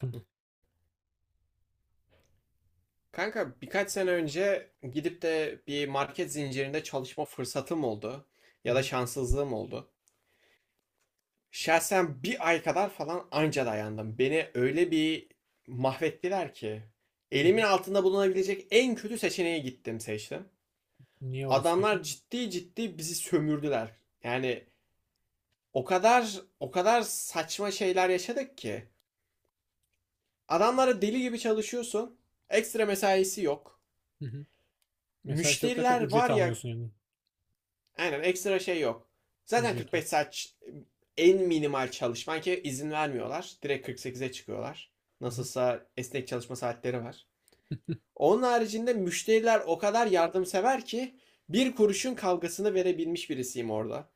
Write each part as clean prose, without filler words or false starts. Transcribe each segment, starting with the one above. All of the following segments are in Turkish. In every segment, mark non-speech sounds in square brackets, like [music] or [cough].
Hı hı, Kanka birkaç sene önce gidip de bir market zincirinde çalışma fırsatım oldu ya da hı şanssızlığım oldu. Şahsen bir ay kadar falan anca dayandım. Beni öyle bir mahvettiler ki hı. Hı. elimin altında bulunabilecek en kötü seçeneğe gittim seçtim. Niye orası peki? Adamlar ciddi ciddi bizi sömürdüler. Yani o kadar saçma şeyler yaşadık ki adamlara deli gibi çalışıyorsun. Ekstra mesaisi yok. Hı hı. Mesaisi yok derken Müşteriler ücret var ya. almıyorsun yani. Aynen ekstra şey yok. Zaten Ücret yok. 45 saat en minimal çalışman ki izin vermiyorlar. Direkt 48'e çıkıyorlar. Hı hı. Nasılsa esnek çalışma saatleri var. [laughs] Onun haricinde müşteriler o kadar yardımsever ki bir kuruşun kavgasını verebilmiş birisiyim orada.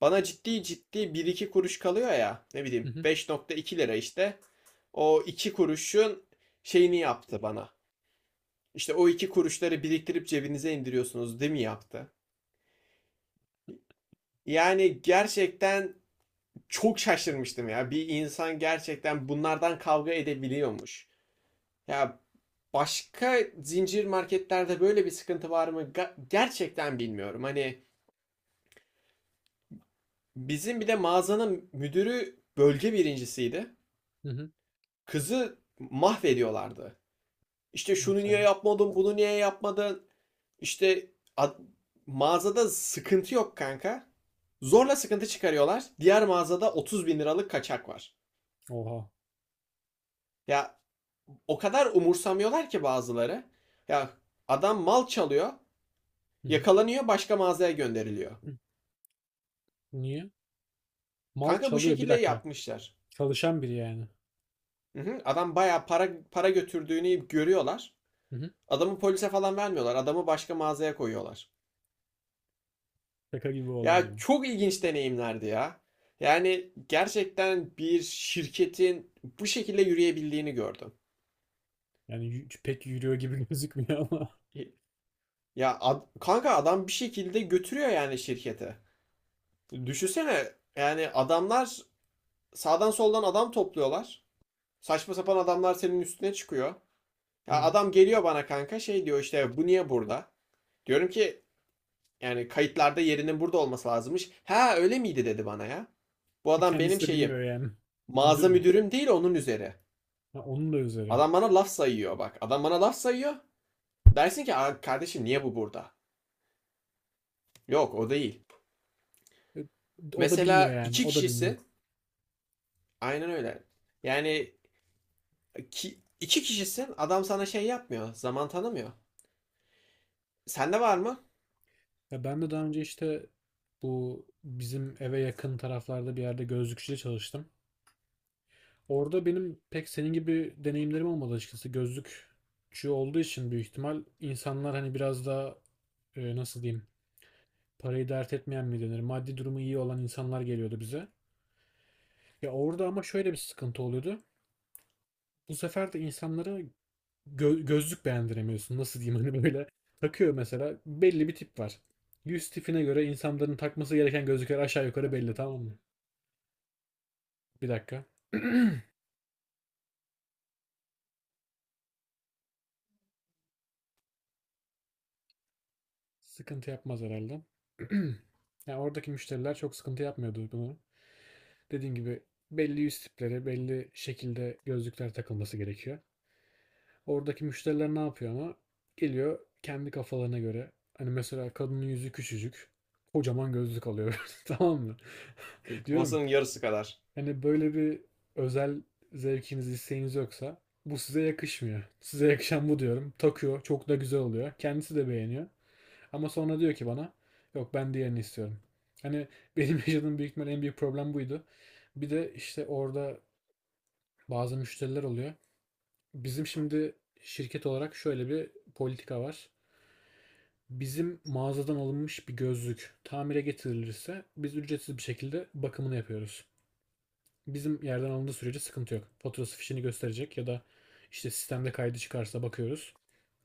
Bana ciddi ciddi bir iki kuruş kalıyor ya, ne Hı bileyim, hı. 5,2 lira işte. O 2 kuruşun şeyini yaptı bana. İşte o 2 kuruşları biriktirip cebinize indiriyorsunuz değil mi yaptı? Yani gerçekten çok şaşırmıştım ya. Bir insan gerçekten bunlardan kavga edebiliyormuş. Ya başka zincir marketlerde böyle bir sıkıntı var mı? Gerçekten bilmiyorum. Hani bizim bir de mağazanın müdürü bölge birincisiydi. Hı hı. Kızı mahvediyorlardı. İşte şunu Nasıl niye yani? yapmadın, bunu niye yapmadın? İşte ad- mağazada sıkıntı yok kanka. Zorla sıkıntı çıkarıyorlar. Diğer mağazada 30 bin liralık kaçak var. Oha. Ya o kadar umursamıyorlar ki bazıları. Ya adam mal çalıyor, Hı hı. yakalanıyor, başka mağazaya gönderiliyor. Hı. Niye? Mal Kanka bu çalıyor bir şekilde dakika. yapmışlar. Çalışan biri yani. Hı hı, adam bayağı para para götürdüğünü görüyorlar. Hı hı. Adamı polise falan vermiyorlar. Adamı başka mağazaya koyuyorlar. Şaka gibi olay Ya yani. çok ilginç deneyimlerdi ya. Yani gerçekten bir şirketin bu şekilde yürüyebildiğini gördüm. Pek yürüyor gibi [laughs] gözükmüyor ama. Ya kanka adam bir şekilde götürüyor yani şirketi. Düşünsene yani adamlar sağdan soldan adam topluyorlar. Saçma sapan adamlar senin üstüne çıkıyor. Ya Hı. adam geliyor bana kanka şey diyor işte, bu niye burada? Diyorum ki yani kayıtlarda yerinin burada olması lazımmış. Ha öyle miydi dedi bana ya. Bu E, adam kendisi benim de şeyim. bilmiyor yani. Müdür Mağaza mü? müdürüm değil, onun üzeri. Ha, onun da üzeri. Adam bana laf sayıyor bak. Adam bana laf sayıyor. Dersin ki kardeşim niye bu burada? Yok o değil. E, o da bilmiyor Mesela yani. iki O da bilmiyor. kişisin. Aynen öyle. Yani iki kişisin. Adam sana şey yapmıyor. Zaman tanımıyor. Sende var mı? Ya ben de daha önce işte bu bizim eve yakın taraflarda bir yerde gözlükçüde çalıştım. Orada benim pek senin gibi deneyimlerim olmadı açıkçası. Gözlükçü olduğu için büyük ihtimal insanlar hani biraz daha nasıl diyeyim, parayı dert etmeyen mi denir? Maddi durumu iyi olan insanlar geliyordu bize. Ya orada ama şöyle bir sıkıntı oluyordu. Bu sefer de insanlara gözlük beğendiremiyorsun. Nasıl diyeyim, hani böyle takıyor mesela, belli bir tip var. Yüz tipine göre insanların takması gereken gözlükler aşağı yukarı belli, tamam mı? Bir dakika. [clears throat] Sıkıntı yapmaz herhalde. [clears throat] Yani oradaki müşteriler çok sıkıntı yapmıyordu bunu. Dediğim gibi belli yüz tipleri, belli şekilde gözlükler takılması gerekiyor. Oradaki müşteriler ne yapıyor ama? Geliyor kendi kafalarına göre. Hani mesela kadının yüzü küçücük. Kocaman gözlük alıyor. [laughs] Tamam mı? Diyorum. Kafasının yarısı kadar. Hani böyle bir özel zevkiniz, isteğiniz yoksa bu size yakışmıyor. Size yakışan bu diyorum. Takıyor. Çok da güzel oluyor. Kendisi de beğeniyor. Ama sonra diyor ki bana, yok ben diğerini istiyorum. Hani benim [laughs] yaşadığım büyük ihtimal en büyük problem buydu. Bir de işte orada bazı müşteriler oluyor. Bizim şimdi şirket olarak şöyle bir politika var. Bizim mağazadan alınmış bir gözlük tamire getirilirse biz ücretsiz bir şekilde bakımını yapıyoruz. Bizim yerden alındığı sürece sıkıntı yok. Faturası, fişini gösterecek ya da işte sistemde kaydı çıkarsa bakıyoruz.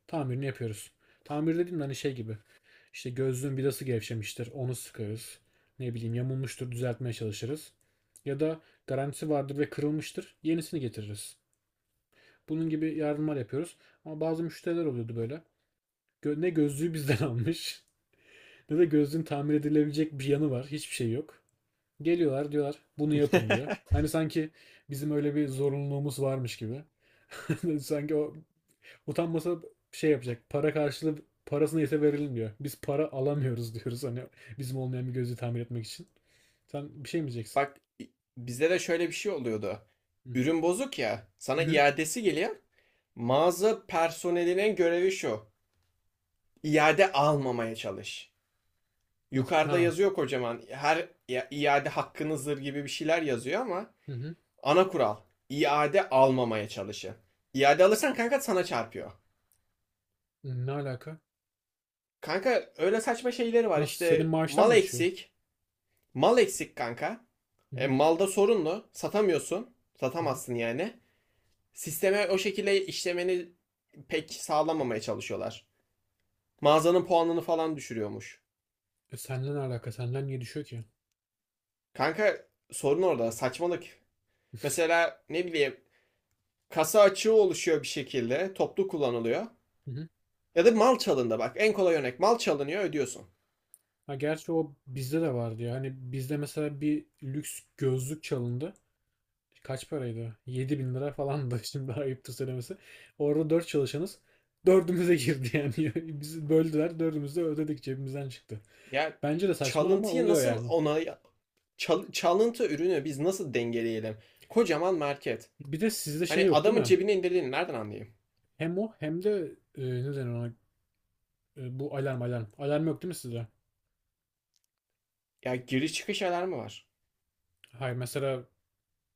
Tamirini yapıyoruz. Tamir dediğim hani şey gibi. İşte gözlüğün vidası gevşemiştir. Onu sıkarız. Ne bileyim yamulmuştur, düzeltmeye çalışırız. Ya da garantisi vardır ve kırılmıştır. Yenisini getiririz. Bunun gibi yardımlar yapıyoruz. Ama bazı müşteriler oluyordu böyle. Ne gözlüğü bizden almış [laughs] ne de gözlüğün tamir edilebilecek bir yanı var. Hiçbir şey yok. Geliyorlar, diyorlar bunu yapın diyor. Hani [laughs] sanki bizim öyle bir zorunluluğumuz varmış gibi. [laughs] Sanki o, utanmasa şey yapacak. Para karşılığı parasını neyse verilmiyor. Biz para alamıyoruz [laughs] diyoruz, hani bizim olmayan bir gözü tamir etmek için. Sen bir şey mi diyeceksin? Bak bizde de şöyle bir şey oluyordu. Hı. Ürün bozuk ya, Hı sana hı. iadesi geliyor. Mağaza personelinin görevi şu. İade almamaya çalış. Nasıl? Yukarıda Ha. yazıyor kocaman. Her iade hakkınızdır gibi bir şeyler yazıyor ama Hı hı. ana kural, İade almamaya çalışın. İade alırsan kanka sana çarpıyor. Ne alaka? Kanka öyle saçma şeyleri var Nasıl? Senin işte, maaştan mı mal düşüyor? eksik. Mal eksik kanka. Hı E, hı. malda sorunlu. Satamıyorsun. Hı hı. Satamazsın yani. Sisteme o şekilde işlemeni pek sağlamamaya çalışıyorlar. Mağazanın puanını falan düşürüyormuş. E, seninle ne alaka? Senden niye düşüyor ki? Kanka sorun orada. Saçmalık. Mesela ne bileyim, kasa açığı oluşuyor bir şekilde. Toplu kullanılıyor. Hı hı. Ya da mal çalındı bak. En kolay örnek, mal çalınıyor ödüyorsun. Ha gerçi o bizde de vardı ya. Hani bizde mesela bir lüks gözlük çalındı. Kaç paraydı? 7.000 lira falan da [laughs] şimdi ayıptır söylemesi. Orada 4 çalışanız. Dördümüze girdi yani. [laughs] Bizi böldüler. Dördümüz de ödedik, cebimizden çıktı. Ya Bence de saçma ama çalıntıyı oluyor nasıl yani. ona çalıntı ürünü biz nasıl dengeleyelim? Kocaman market. Bir de sizde şey Hani yok değil adamın mi? cebine indirdiğini nereden anlayayım? Hem o hem de ne denir ona? Bu alarm alarm. Alarm yok değil mi sizde? Ya giriş çıkış alarmı var. Hayır, mesela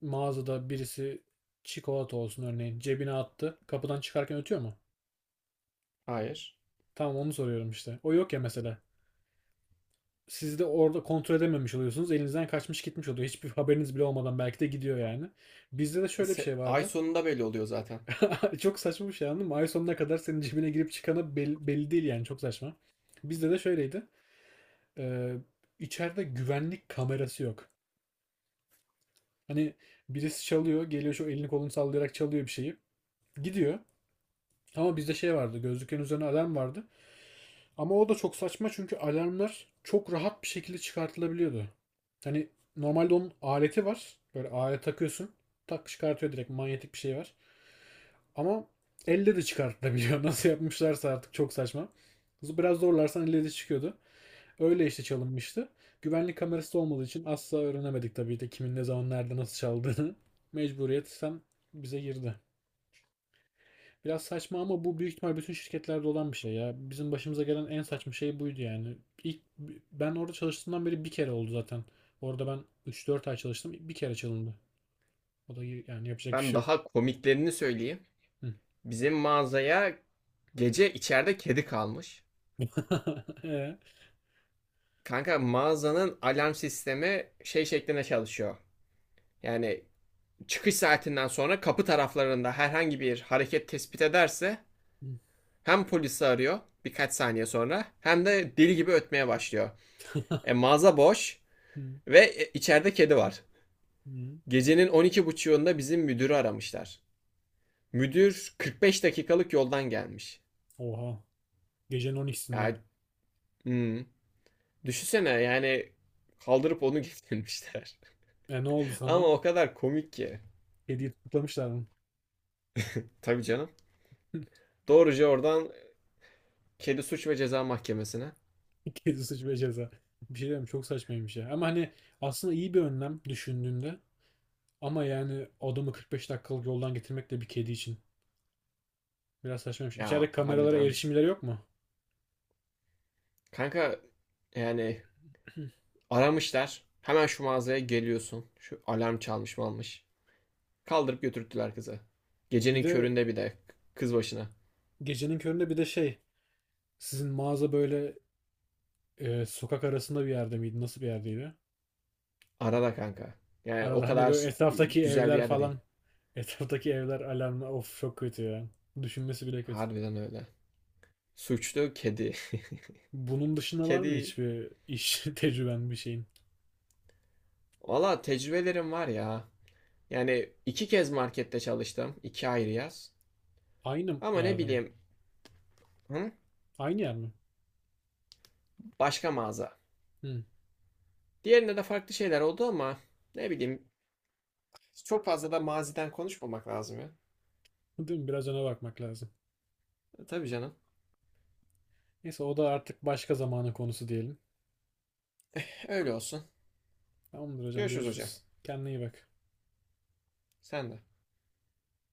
mağazada birisi çikolata olsun örneğin cebine attı. Kapıdan çıkarken ötüyor mu? Hayır. Tamam, onu soruyorum işte. O yok ya mesela. Siz de orada kontrol edememiş oluyorsunuz. Elinizden kaçmış gitmiş oluyor. Hiçbir haberiniz bile olmadan belki de gidiyor yani. Bizde de şöyle bir şey Ay vardı. sonunda belli oluyor zaten. [laughs] Çok saçma bir şey, anladın mı? Ay sonuna kadar senin cebine girip çıkanı belli, belli değil yani. Çok saçma. Bizde de şöyleydi. Ee, içeride güvenlik kamerası yok. Hani birisi çalıyor. Geliyor şu, elini kolunu sallayarak çalıyor bir şeyi. Gidiyor. Ama bizde şey vardı. Gözlüklerin üzerine alarm vardı. Ama o da çok saçma, çünkü alarmlar çok rahat bir şekilde çıkartılabiliyordu. Hani normalde onun aleti var. Böyle alet takıyorsun. Tak çıkartıyor, direkt manyetik bir şey var. Ama elle de çıkartılabiliyor. [laughs] Nasıl yapmışlarsa artık, çok saçma. Biraz zorlarsan elle de çıkıyordu. Öyle işte çalınmıştı. Güvenlik kamerası da olmadığı için asla öğrenemedik tabii de kimin ne zaman nerede nasıl çaldığını. [laughs] Mecburiyetten bize girdi. Biraz saçma ama bu büyük ihtimal bütün şirketlerde olan bir şey ya. Bizim başımıza gelen en saçma şey buydu yani. İlk, ben orada çalıştığımdan beri bir kere oldu zaten. Orada ben 3-4 ay çalıştım. Bir kere çalındı. O da yani yapacak bir Ben şey yok. daha komiklerini söyleyeyim. Hı. Bizim mağazaya gece içeride kedi kalmış. [laughs] Ee? Kanka mağazanın alarm sistemi şey şeklinde çalışıyor. Yani çıkış saatinden sonra kapı taraflarında herhangi bir hareket tespit ederse hem polisi arıyor birkaç saniye sonra hem de deli gibi ötmeye başlıyor. E, [laughs] mağaza boş Hı, ve içeride kedi var. hı. Gecenin 12.30'unda bizim müdürü aramışlar. Müdür 45 dakikalık yoldan gelmiş. Oha. Gecenin 12'sinde. Ya hmm, düşünsene yani kaldırıp onu getirmişler. E, ne oldu [laughs] Ama sana? o kadar komik ki. Kediyi tutuklamışlar mı? Tabii canım. [laughs] Doğruca oradan Kedi Suç ve Ceza Mahkemesi'ne. Kedi suç ve ceza. Bir şey diyeyim çok saçmaymış ya. Ama hani aslında iyi bir önlem düşündüğünde. Ama yani adamı 45 dakikalık yoldan getirmek de bir kedi için. Biraz saçmaymış. Ya İçeride kameralara harbiden. erişimleri yok mu? Kanka yani [clears throat] aramışlar. Hemen şu mağazaya geliyorsun. Şu alarm çalmış mı almış. Kaldırıp götürttüler kızı. Bir Gecenin de köründe bir de kız başına. gecenin köründe bir de şey, sizin mağaza böyle sokak arasında bir yerde miydi? Nasıl bir yerdeydi? Arada kanka. Yani o Arada hani kadar böyle etraftaki güzel bir evler yerde değil. falan, [laughs] etraftaki evler alarmı, of çok kötü ya. Düşünmesi bile kötü. Harbiden öyle. Suçlu kedi. Bunun [laughs] dışında var mı Kedi. hiçbir iş [laughs] tecrüben bir şeyin? Valla tecrübelerim var ya. Yani iki kez markette çalıştım. İki ayrı yaz. Aynı Ama ne yerde mi? bileyim. Hı? Aynı yer mi? Başka mağaza. Hı. Diğerinde de farklı şeyler oldu ama ne bileyim. Çok fazla da maziden konuşmamak lazım ya. Değil mi? Biraz ona bakmak lazım. E, tabii canım. Neyse o da artık başka zamanın konusu diyelim. Öyle olsun. Tamamdır hocam, Görüşürüz hocam. görüşürüz. Kendine iyi bak. Sen de.